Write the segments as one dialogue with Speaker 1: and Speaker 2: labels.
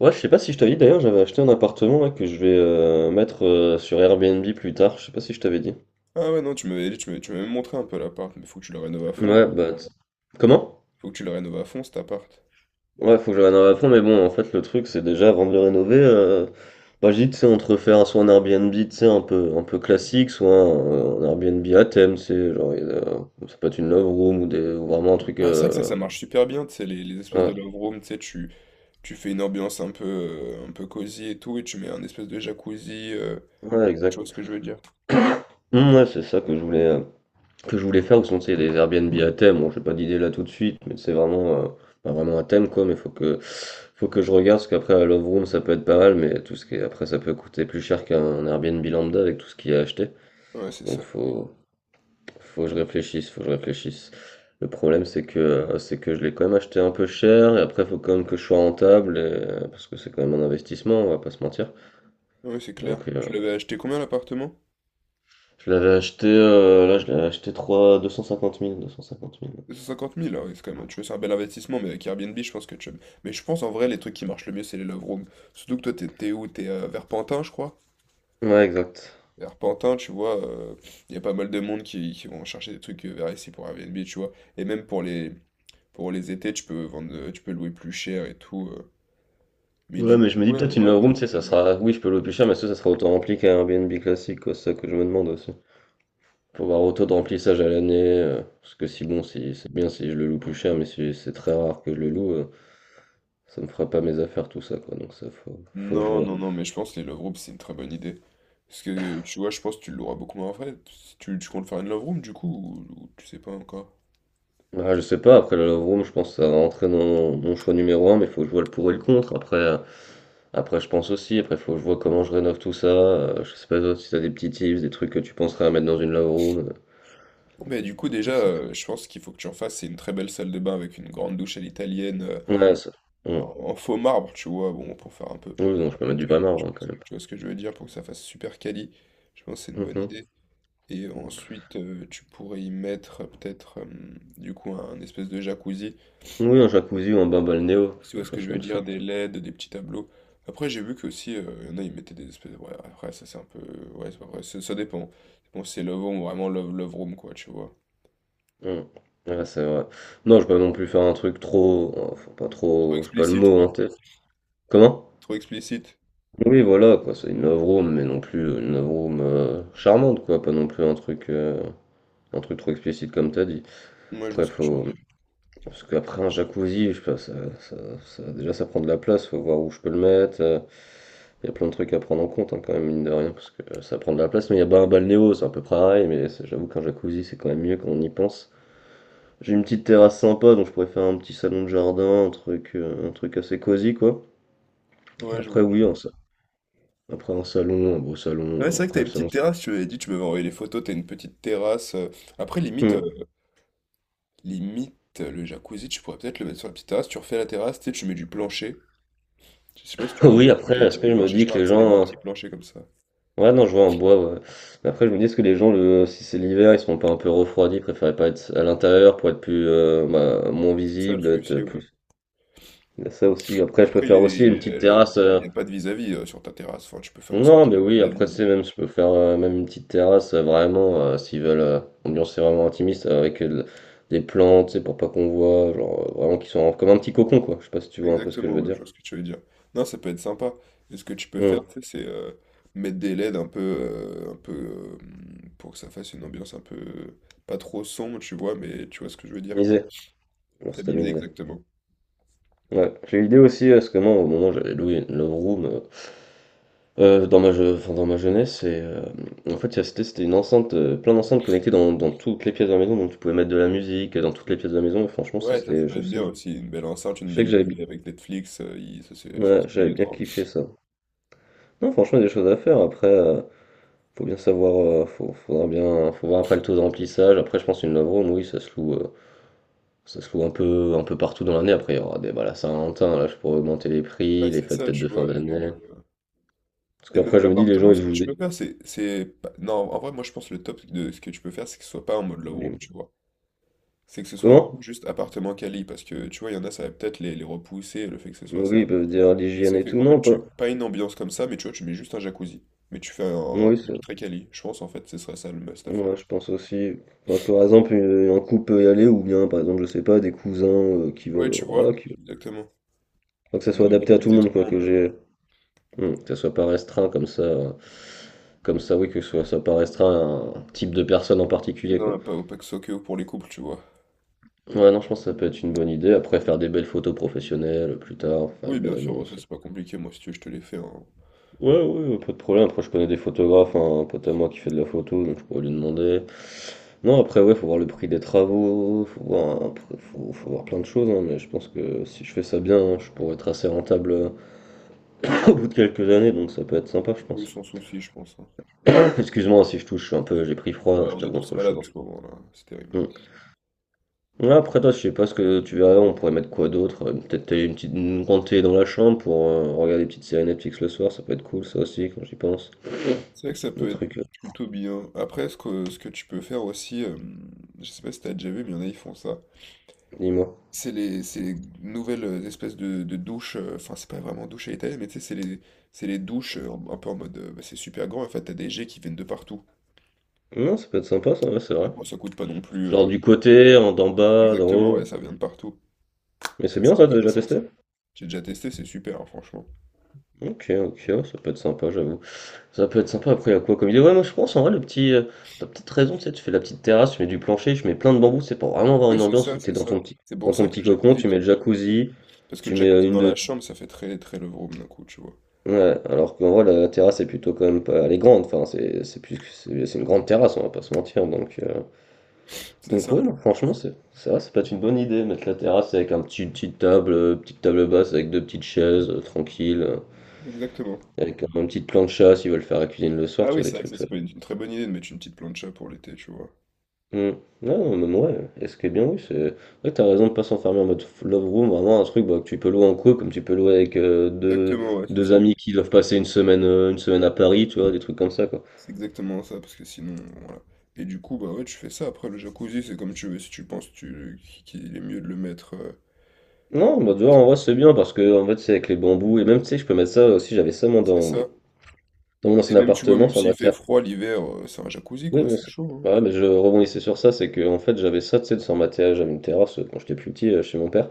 Speaker 1: Ouais, je sais pas si je t'avais dit d'ailleurs, j'avais acheté un appartement là que je vais mettre sur Airbnb plus tard. Je sais pas si je t'avais dit.
Speaker 2: Ah ouais, non, tu m'avais dit, tu m'avais même montré un peu l'appart, mais faut que tu le rénoves à fond,
Speaker 1: Ouais,
Speaker 2: non?
Speaker 1: bah. t- Comment?
Speaker 2: Faut que tu le rénoves à fond cet appart.
Speaker 1: Ouais, faut que je rénove à fond, mais bon, en fait, le truc, c'est déjà avant de le rénover, bah, je dis, tu sais, entre faire soit un Airbnb, tu sais, un peu classique, soit un Airbnb à thème, tu sais, genre, ça peut être une love room ou ou vraiment un truc.
Speaker 2: Ah, c'est vrai que ça, ça marche super bien, tu sais, les espèces
Speaker 1: Ouais,
Speaker 2: de love room, tu sais, tu fais une ambiance un peu cosy et tout, et tu mets un espèce de jacuzzi,
Speaker 1: ouais,
Speaker 2: tu vois
Speaker 1: exact.
Speaker 2: ce que je veux dire.
Speaker 1: Ouais, c'est ça que je voulais. Que je voulais faire, ou sinon c'est des Airbnb à thème. Bon, j'ai pas d'idée là tout de suite, mais c'est vraiment, pas vraiment un thème quoi. Faut que je regarde, parce qu'après la Love Room ça peut être pas mal, mais tout ce qui est, après ça peut coûter plus cher qu'un Airbnb lambda avec tout ce qu'il y a acheté.
Speaker 2: Ouais, c'est
Speaker 1: Donc
Speaker 2: ça.
Speaker 1: faut, Faut que je réfléchisse, faut que je réfléchisse. Le problème c'est que je l'ai quand même acheté un peu cher, et après faut quand même que je sois rentable, parce que c'est quand même un investissement, on va pas se mentir.
Speaker 2: Ouais, c'est clair.
Speaker 1: Donc
Speaker 2: Tu l'avais acheté combien l'appartement?
Speaker 1: je l'avais acheté, là je l'avais acheté trois 250 000, 250 000
Speaker 2: 250 000, ouais, c'est quand même, tu vois, c'est un bel investissement, mais avec Airbnb, je pense que tu... Mais je pense, en vrai, les trucs qui marchent le mieux, c'est les love rooms. Surtout que toi, t'es où? T'es à Verpentin, je crois?
Speaker 1: Ouais, exact.
Speaker 2: Arpentin, tu vois, il y a pas mal de monde qui vont chercher des trucs vers ici pour Airbnb, tu vois. Et même pour les étés, tu peux vendre, tu peux louer plus cher et tout. Mais
Speaker 1: Ouais,
Speaker 2: du
Speaker 1: mais je
Speaker 2: coup,
Speaker 1: me dis
Speaker 2: ouais, en
Speaker 1: peut-être une
Speaker 2: vrai,
Speaker 1: lounge
Speaker 2: bonne
Speaker 1: room, tu sais, ça
Speaker 2: idée, ouais.
Speaker 1: sera. Oui, je peux louer plus cher, mais est-ce que ça sera autant rempli qu'un Airbnb classique, quoi, c'est ça que je me demande aussi. Pour voir autant de remplissage à l'année, parce que si bon, si c'est bien si je le loue plus cher, mais si c'est très rare que je le loue, ça me fera pas mes affaires, tout ça, quoi, faut que je
Speaker 2: Non,
Speaker 1: vois.
Speaker 2: non, non, mais je pense que les love rooms, c'est une très bonne idée. Parce que, tu vois, je pense que tu l'auras beaucoup moins frais. Si tu comptes faire une love room, du coup, ou tu sais pas encore.
Speaker 1: Ah, je sais pas, après la Love Room, je pense que ça va rentrer dans mon choix numéro un, mais faut que je vois le pour et le contre. Après je pense aussi, après faut que je vois comment je rénove tout ça. Je sais pas toi, si t'as des petits tips, des trucs que tu penserais à mettre dans une Love Room.
Speaker 2: Mais du coup, déjà,
Speaker 1: Je sais pas.
Speaker 2: je pense qu'il faut que tu en fasses, c'est une très belle salle de bain avec une grande douche à l'italienne,
Speaker 1: Ouais, ça. Ouais.
Speaker 2: en faux marbre, tu vois, bon, pour faire un peu
Speaker 1: Oui, non, je peux mettre du vrai
Speaker 2: tu,
Speaker 1: marron quand même.
Speaker 2: tu vois ce que je veux dire, pour que ça fasse super quali, je pense que c'est une bonne
Speaker 1: Mhm.
Speaker 2: idée. Et ensuite, tu pourrais y mettre peut-être, du coup, un espèce de jacuzzi,
Speaker 1: Oui, un jacuzzi ou un bain balnéo,
Speaker 2: si tu vois
Speaker 1: quelque
Speaker 2: ce que
Speaker 1: chose
Speaker 2: je veux
Speaker 1: comme ça.
Speaker 2: dire, des LED, des petits tableaux. Après, j'ai vu que aussi, il y en a, ils mettaient des espèces. Ouais, après, ça c'est un peu. Ouais, c'est pas vrai, ça ça dépend. Bon, c'est love home, vraiment love room, quoi, tu vois.
Speaker 1: Mm. Ouais, c'est vrai. Non, je peux pas non plus faire un truc trop. Oh, faut pas
Speaker 2: Trop
Speaker 1: trop. Je sais pas le
Speaker 2: explicite,
Speaker 1: mot
Speaker 2: quoi.
Speaker 1: en tête. Comment?
Speaker 2: Trop explicite.
Speaker 1: Oui, voilà, quoi. C'est une love room, mais non plus une love room charmante, quoi. Pas non plus un truc, un truc trop explicite comme t'as dit.
Speaker 2: Moi, je vois
Speaker 1: Après,
Speaker 2: ce que tu veux
Speaker 1: faut.
Speaker 2: dire.
Speaker 1: Parce qu'après un jacuzzi, je sais pas, ça- déjà ça prend de la place, faut voir où je peux le mettre. Il y a plein de trucs à prendre en compte hein, quand même, mine de rien, parce que ça prend de la place. Mais il y a pas un balnéo, c'est un peu pareil, mais c'est- j'avoue qu'un jacuzzi c'est quand même mieux quand on y pense. J'ai une petite terrasse sympa, donc je pourrais faire un petit salon de jardin, un truc assez cosy quoi. Et
Speaker 2: Ouais, je
Speaker 1: après
Speaker 2: vois.
Speaker 1: oui, un sa- après un salon, un beau salon,
Speaker 2: Ouais, c'est vrai que
Speaker 1: après
Speaker 2: t'as
Speaker 1: le
Speaker 2: une
Speaker 1: salon.
Speaker 2: petite terrasse, tu m'avais dit, tu m'avais envoyé les photos, t'as une petite terrasse. Après, limite, euh,
Speaker 1: Hmm.
Speaker 2: limite, euh, le jacuzzi, tu pourrais peut-être le mettre sur la petite terrasse, tu refais la terrasse, tu sais, tu mets du plancher. Je sais pas si tu vois de,
Speaker 1: Oui,
Speaker 2: de
Speaker 1: après,
Speaker 2: quel
Speaker 1: est-ce
Speaker 2: type
Speaker 1: que
Speaker 2: de
Speaker 1: je me
Speaker 2: plancher je
Speaker 1: dis que
Speaker 2: parle,
Speaker 1: les
Speaker 2: c'est des beaux
Speaker 1: gens.
Speaker 2: petits planchers comme ça.
Speaker 1: Ouais, non, je vois en bois, ouais. Mais après, je me dis, est-ce que les gens, le, si c'est l'hiver, ils sont pas un peu refroidis, ils préféraient pas être à l'intérieur pour être plus, bah, moins
Speaker 2: C'est ça le
Speaker 1: visible, être
Speaker 2: souci, ouais.
Speaker 1: plus. Il y a ça aussi. Après, je peux
Speaker 2: Après,
Speaker 1: faire aussi une petite terrasse.
Speaker 2: il y a pas de vis-à-vis sur ta terrasse, enfin, tu peux faire en sorte
Speaker 1: Non,
Speaker 2: qu'il
Speaker 1: mais
Speaker 2: n'y ait pas
Speaker 1: oui,
Speaker 2: de
Speaker 1: après,
Speaker 2: vis-à-vis, hein.
Speaker 1: c'est même, je peux faire même une petite terrasse, vraiment, s'ils veulent, ambiance c'est vraiment intimiste, avec des plantes, tu sais, pour pas qu'on voit, vraiment, comme un petit cocon, quoi. Je sais pas si tu vois un peu ce que je
Speaker 2: Exactement,
Speaker 1: veux
Speaker 2: ouais, je
Speaker 1: dire.
Speaker 2: vois ce que tu veux dire. Non, ça peut être sympa. Et ce que tu peux
Speaker 1: Hum,
Speaker 2: faire, tu sais, c'est mettre des LED un peu pour que ça fasse une ambiance un peu pas trop sombre, tu vois, mais tu vois ce que je veux dire, quoi.
Speaker 1: Tamisé. On s'est
Speaker 2: Tamiser
Speaker 1: tamisé.
Speaker 2: exactement.
Speaker 1: Ouais. J'ai eu l'idée aussi, parce que moi, au moment où j'avais loué une love room. Dans ma jeunesse en fait, il y a c'était c'était une enceinte, plein d'enceintes connectées dans toutes les pièces de la maison, donc tu pouvais mettre de la musique, dans toutes les pièces de la maison. Franchement, ça
Speaker 2: Ouais, ça
Speaker 1: c'était
Speaker 2: peut être bien aussi. Une belle enceinte,
Speaker 1: je
Speaker 2: une
Speaker 1: sais que
Speaker 2: belle
Speaker 1: j'avais bi
Speaker 2: télé avec Netflix, ça,
Speaker 1: ouais,
Speaker 2: c'est
Speaker 1: j'avais bien
Speaker 2: obligatoire.
Speaker 1: kiffé ça. Non, franchement, il y a des choses à faire. Après, faut bien savoir, faut faudra bien faut voir après le taux de remplissage. Après, je pense une love room, oui, ça se loue un peu partout dans l'année. Après, il y aura des bah, la Saint-Valentin, là, je pourrais augmenter les prix,
Speaker 2: Ouais,
Speaker 1: les
Speaker 2: c'est
Speaker 1: fêtes
Speaker 2: ça,
Speaker 1: peut-être
Speaker 2: tu
Speaker 1: de fin
Speaker 2: vois.
Speaker 1: d'année.
Speaker 2: Euh,
Speaker 1: Parce
Speaker 2: et même
Speaker 1: qu'après, je me dis les gens,
Speaker 2: l'appartement,
Speaker 1: ils
Speaker 2: ce que
Speaker 1: jouent
Speaker 2: tu peux
Speaker 1: des
Speaker 2: faire. C'est. C'est pas- Non, en vrai, moi, je pense que le top de ce que tu peux faire, c'est que ce soit pas en mode love room,
Speaker 1: des.
Speaker 2: tu vois. C'est que ce soit vraiment
Speaker 1: Comment?
Speaker 2: juste appartement quali, parce que tu vois, il y en a, ça va peut-être les repousser, le fait que ce soit
Speaker 1: Oui, ils
Speaker 2: ça.
Speaker 1: peuvent dire ah,
Speaker 2: Et
Speaker 1: l'hygiène
Speaker 2: c'est
Speaker 1: et tout,
Speaker 2: fait, en fait,
Speaker 1: non pas.
Speaker 2: pas une ambiance comme ça, mais tu vois, tu mets juste un jacuzzi. Mais tu fais un
Speaker 1: Oui, ça.
Speaker 2: truc très quali. Je pense, en fait, ce serait ça le must à faire.
Speaker 1: Moi, je pense aussi. Enfin, par exemple, un couple peut y aller, ou bien, par exemple, je sais pas, des cousins qui
Speaker 2: Ouais,
Speaker 1: veulent.
Speaker 2: tu vois,
Speaker 1: Voilà, qui...
Speaker 2: exactement.
Speaker 1: Faut que ça
Speaker 2: Faudrait
Speaker 1: soit
Speaker 2: pas
Speaker 1: adapté à tout le
Speaker 2: viser tout
Speaker 1: monde, quoi,
Speaker 2: le monde,
Speaker 1: que
Speaker 2: ouais.
Speaker 1: j'ai. Hmm, que ça soit pas restreint comme ça. Oui, que ce soit, ça pas restreint à un type de personne en particulier, quoi.
Speaker 2: Non, pas au Paxokeo pour les couples, tu vois.
Speaker 1: Ouais, non, je pense que ça peut être une bonne idée. Après, faire des belles photos professionnelles plus tard, faire
Speaker 2: Oui,
Speaker 1: une
Speaker 2: bien
Speaker 1: belle
Speaker 2: sûr, bon, ça
Speaker 1: annonce.
Speaker 2: c'est pas compliqué, moi, si tu veux, je te les fais, hein.
Speaker 1: Ouais, ouais, ouais, pas de problème. Après, je connais des photographes, hein, un pote à moi qui fait de la photo, donc je pourrais lui demander. Non, après, ouais, faut voir le prix des travaux, faut voir, un pr- faut, faut voir plein de choses, hein, mais je pense que si je fais ça bien, hein, je pourrais être assez rentable au bout de quelques années, donc ça peut être sympa, je
Speaker 2: Oui,
Speaker 1: pense.
Speaker 2: sans souci, je pense, hein.
Speaker 1: Excuse-moi si je touche, je suis un peu, j'ai pris froid,
Speaker 2: Ouais,
Speaker 1: hein, je
Speaker 2: on est
Speaker 1: t'avoue,
Speaker 2: tous
Speaker 1: entre le
Speaker 2: malades en
Speaker 1: choc.
Speaker 2: ce moment, là. C'est terrible.
Speaker 1: Mm. Ouais, après, toi, je sais pas ce que tu verras, on pourrait mettre quoi d'autre? Peut-être une grande télé dans la chambre pour regarder des petites séries Netflix le soir, ça peut être cool, ça aussi, quand j'y pense.
Speaker 2: C'est vrai que ça
Speaker 1: Le
Speaker 2: peut être
Speaker 1: truc, euh,
Speaker 2: plutôt bien. Après, ce que tu peux faire aussi, je sais pas si t'as déjà vu, mais il y en a, ils font ça.
Speaker 1: Dis-moi.
Speaker 2: C'est les nouvelles espèces de douches, enfin, c'est pas vraiment douche à l'italienne, mais tu sais, c'est les douches un peu en mode, bah, c'est super grand, en fait, t'as des jets qui viennent de partout.
Speaker 1: Non, ça peut être sympa, ça, ouais, c'est
Speaker 2: Et
Speaker 1: vrai.
Speaker 2: après, ça coûte pas non plus.
Speaker 1: Genre du côté, en d'en bas, d'en
Speaker 2: Exactement, ouais,
Speaker 1: haut.
Speaker 2: ça vient de partout.
Speaker 1: Mais c'est
Speaker 2: Ça,
Speaker 1: bien
Speaker 2: c'est
Speaker 1: ça, t'as déjà
Speaker 2: intéressant, ça.
Speaker 1: testé?
Speaker 2: J'ai déjà testé, c'est super, hein, franchement.
Speaker 1: Ok, ok, ouais, ça peut être sympa, j'avoue. Ça peut être sympa, après, il y a quoi comme idée? Ouais, moi je pense, en vrai, le petit. T'as peut-être raison, tu sais, tu fais la petite terrasse, tu mets du plancher, tu mets plein de bambous, c'est pour vraiment avoir
Speaker 2: Oui,
Speaker 1: une
Speaker 2: c'est
Speaker 1: ambiance
Speaker 2: ça,
Speaker 1: où t'es
Speaker 2: c'est ça. C'est
Speaker 1: dans
Speaker 2: pour ça
Speaker 1: ton
Speaker 2: que
Speaker 1: petit
Speaker 2: le
Speaker 1: cocon,
Speaker 2: jacuzzi,
Speaker 1: tu mets le jacuzzi,
Speaker 2: parce que
Speaker 1: tu
Speaker 2: le
Speaker 1: mets
Speaker 2: jacuzzi
Speaker 1: une
Speaker 2: dans la
Speaker 1: de.
Speaker 2: chambre, ça fait très, très love room d'un coup, tu vois.
Speaker 1: Ouais, alors qu'en vrai, la terrasse est plutôt quand même pas. Elle est grande, enfin, c'est plus, c'est une grande terrasse, on va pas se mentir, donc.
Speaker 2: C'est ça,
Speaker 1: Ouais, non, franchement, c'est vrai, ça peut être une bonne idée, mettre la terrasse avec un petit, une petite table basse avec deux petites chaises, tranquille,
Speaker 2: exactement.
Speaker 1: avec petit plancha s'ils veulent faire la cuisine le soir,
Speaker 2: Ah
Speaker 1: tu
Speaker 2: oui,
Speaker 1: vois,
Speaker 2: c'est
Speaker 1: des
Speaker 2: vrai que
Speaker 1: trucs
Speaker 2: ça,
Speaker 1: ça.
Speaker 2: c'est pas une très bonne idée de mettre une petite plancha pour l'été, tu vois.
Speaker 1: Hmm. Non, non, même ouais, est-ce que bien oui, c'est... Ouais, t'as raison de pas s'enfermer en mode love room, vraiment un truc bah, que tu peux louer en couple, comme tu peux louer avec
Speaker 2: Exactement, ouais, c'est
Speaker 1: deux
Speaker 2: ça.
Speaker 1: amis qui doivent passer une semaine à Paris, tu vois, des trucs comme ça, quoi.
Speaker 2: C'est exactement ça, parce que sinon, voilà. Et du coup, bah ouais, tu fais ça. Après, le jacuzzi, c'est comme tu veux. Si tu penses qu'il est mieux de le mettre,
Speaker 1: Non, bah tu vois, en vrai, c'est bien, parce que, en fait, c'est avec les bambous, et même, tu sais, je peux mettre ça aussi, j'avais ça, moi,
Speaker 2: c'est
Speaker 1: dans...
Speaker 2: ça.
Speaker 1: Dans mon ancien
Speaker 2: Et même, tu vois,
Speaker 1: appartement,
Speaker 2: même
Speaker 1: sur
Speaker 2: s'il
Speaker 1: ma
Speaker 2: fait
Speaker 1: terrasse.
Speaker 2: froid l'hiver, c'est un jacuzzi,
Speaker 1: Oui,
Speaker 2: quoi.
Speaker 1: mais,
Speaker 2: C'est
Speaker 1: c'est-
Speaker 2: chaud, hein.
Speaker 1: Bah ouais, mais je rebondissais sur ça, c'est que en fait j'avais ça, tu sais, de sur ma terrasse, j'avais une terrasse quand j'étais plus petit chez mon père,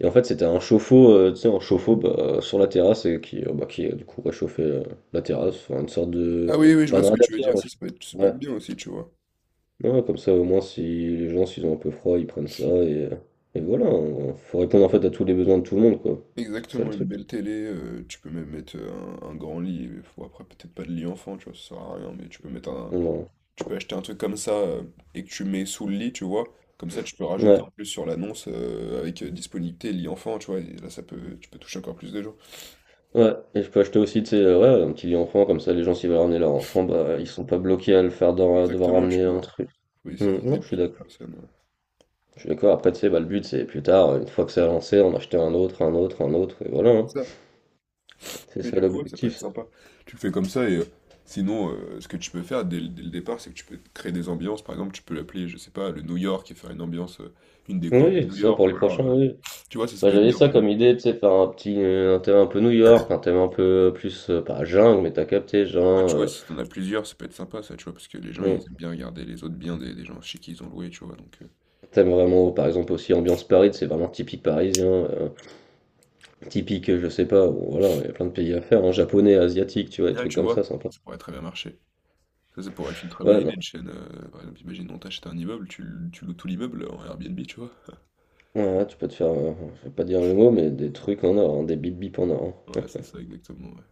Speaker 1: et en fait c'était un chauffe-eau, tu sais, un chauffe-eau bah, sur la terrasse et qui, du coup réchauffait la terrasse, enfin, une sorte
Speaker 2: Ah
Speaker 1: de,
Speaker 2: oui, oui, je
Speaker 1: pas
Speaker 2: vois
Speaker 1: de
Speaker 2: ce que tu veux
Speaker 1: radiateur,
Speaker 2: dire. Ça, ça peut être, ça peut
Speaker 1: ouais,
Speaker 2: être bien aussi, tu vois.
Speaker 1: non, ouais, comme ça au moins si les gens s'ils ont un peu froid, ils prennent ça et voilà, faut répondre en fait à tous les besoins de tout le monde quoi, c'est ça le
Speaker 2: Exactement, une
Speaker 1: truc.
Speaker 2: belle télé. Tu peux même mettre un grand lit. Après, peut-être pas de lit enfant, tu vois, ça sert à rien. Mais tu peux mettre un,
Speaker 1: Ouais.
Speaker 2: tu peux acheter un truc comme ça et que tu mets sous le lit, tu vois. Comme ça, tu peux rajouter
Speaker 1: Ouais.
Speaker 2: en plus sur l'annonce avec disponibilité lit enfant, tu vois. Et là, ça peut, tu peux toucher encore plus de gens.
Speaker 1: Ouais, et je peux acheter aussi, tu sais, ouais, un petit lit enfant, comme ça les gens s'ils veulent ramener leur enfant, bah ils sont pas bloqués à le faire à devoir
Speaker 2: Exactement, tu
Speaker 1: ramener un
Speaker 2: vois.
Speaker 1: truc.
Speaker 2: Faut essayer
Speaker 1: Hmm,
Speaker 2: de viser
Speaker 1: non,
Speaker 2: le
Speaker 1: je suis
Speaker 2: plus de
Speaker 1: d'accord.
Speaker 2: personnes, ouais.
Speaker 1: Je suis d'accord, après tu sais, bah le but c'est plus tard, une fois que c'est lancé, en acheter un autre, un autre, un autre, et voilà, hein.
Speaker 2: C'est ça.
Speaker 1: C'est
Speaker 2: Mais
Speaker 1: ça
Speaker 2: du coup, ouais, ça peut
Speaker 1: l'objectif.
Speaker 2: être sympa. Tu le fais comme ça et sinon, ce que tu peux faire dès le départ, c'est que tu peux créer des ambiances. Par exemple, tu peux l'appeler, je sais pas, le New York et faire une ambiance, une déco un peu
Speaker 1: Oui,
Speaker 2: New
Speaker 1: ça pour
Speaker 2: York.
Speaker 1: les
Speaker 2: Ou alors,
Speaker 1: prochains, oui.
Speaker 2: tu vois, ça
Speaker 1: Bah,
Speaker 2: peut être
Speaker 1: j'avais
Speaker 2: bien,
Speaker 1: ça
Speaker 2: par exemple.
Speaker 1: comme idée, tu sais, faire un petit un thème un peu New York, un thème un peu plus, pas jungle, mais t'as capté,
Speaker 2: Ah, tu vois, si t'en as plusieurs, ça peut être sympa, ça, tu vois, parce que les gens, ils
Speaker 1: hmm,
Speaker 2: aiment bien regarder les autres biens des gens chez qui ils ont loué, tu vois, donc.
Speaker 1: thème vraiment, par exemple aussi ambiance Paris, c'est vraiment typique parisien, typique, je sais pas, ou voilà, il y a plein de pays à faire, hein, japonais, asiatique, tu vois, des
Speaker 2: Ouais,
Speaker 1: trucs
Speaker 2: tu
Speaker 1: comme ça,
Speaker 2: vois,
Speaker 1: sympa.
Speaker 2: ça pourrait très bien marcher. Ça pourrait être une très bonne
Speaker 1: Ouais, non,
Speaker 2: idée de chaîne. Par exemple, imagine, on t'achète un immeuble, tu loues tout l'immeuble en Airbnb, tu vois.
Speaker 1: ouais, ouais, tu peux te faire, je vais pas dire le mot, mais des trucs en or, hein, des bip bip en or. Hein.
Speaker 2: Ouais, c'est ça, exactement. Ouais,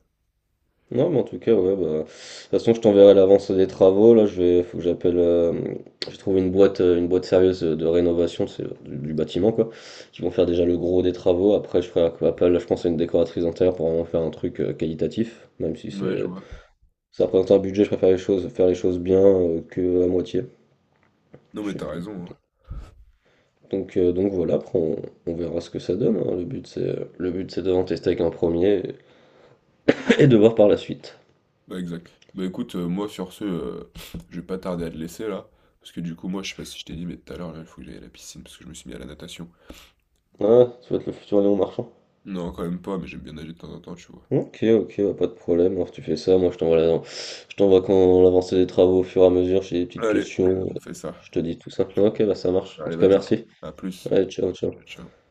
Speaker 1: Non, mais en tout cas, ouais, bah, de toute façon, je t'enverrai l'avance des travaux, là, je vais, faut que j'appelle, j'ai trouvé une boîte sérieuse de rénovation, c'est du bâtiment, quoi, qui vont faire déjà le gros des travaux, après, je ferai appel, là, je pense à une décoratrice intérieure pour vraiment faire un truc qualitatif, même si
Speaker 2: ouais, je
Speaker 1: c'est,
Speaker 2: vois.
Speaker 1: ça représente un budget, je préfère les choses, faire les choses bien que à moitié,
Speaker 2: Non,
Speaker 1: je
Speaker 2: mais
Speaker 1: sais
Speaker 2: t'as
Speaker 1: pas.
Speaker 2: raison, hein.
Speaker 1: Donc voilà, on verra ce que ça donne. Hein. Le but c'est d'en tester avec un premier et de voir par la suite.
Speaker 2: Ouais, exact. Bah écoute, moi, sur ce, je vais pas tarder à te laisser là. Parce que du coup, moi, je sais pas si je t'ai dit, mais tout à l'heure, là, il faut que j'aille à la piscine parce que je me suis mis à la natation.
Speaker 1: Ah, ça va être le futur Léon Marchand.
Speaker 2: Non, quand même pas, mais j'aime bien nager de temps en temps, tu vois.
Speaker 1: Ok, ok, bah, pas de problème. Alors tu fais ça, moi je t'envoie la- je t'envoie quand l'avancée des travaux au fur et à mesure, j'ai des petites
Speaker 2: Allez,
Speaker 1: questions,
Speaker 2: on fait ça.
Speaker 1: je te dis tout ça. Ok, bah ça marche. En
Speaker 2: Allez,
Speaker 1: tout cas,
Speaker 2: vas-y.
Speaker 1: merci.
Speaker 2: À plus.
Speaker 1: Allez, ciao,
Speaker 2: Ciao,
Speaker 1: ciao.
Speaker 2: ciao.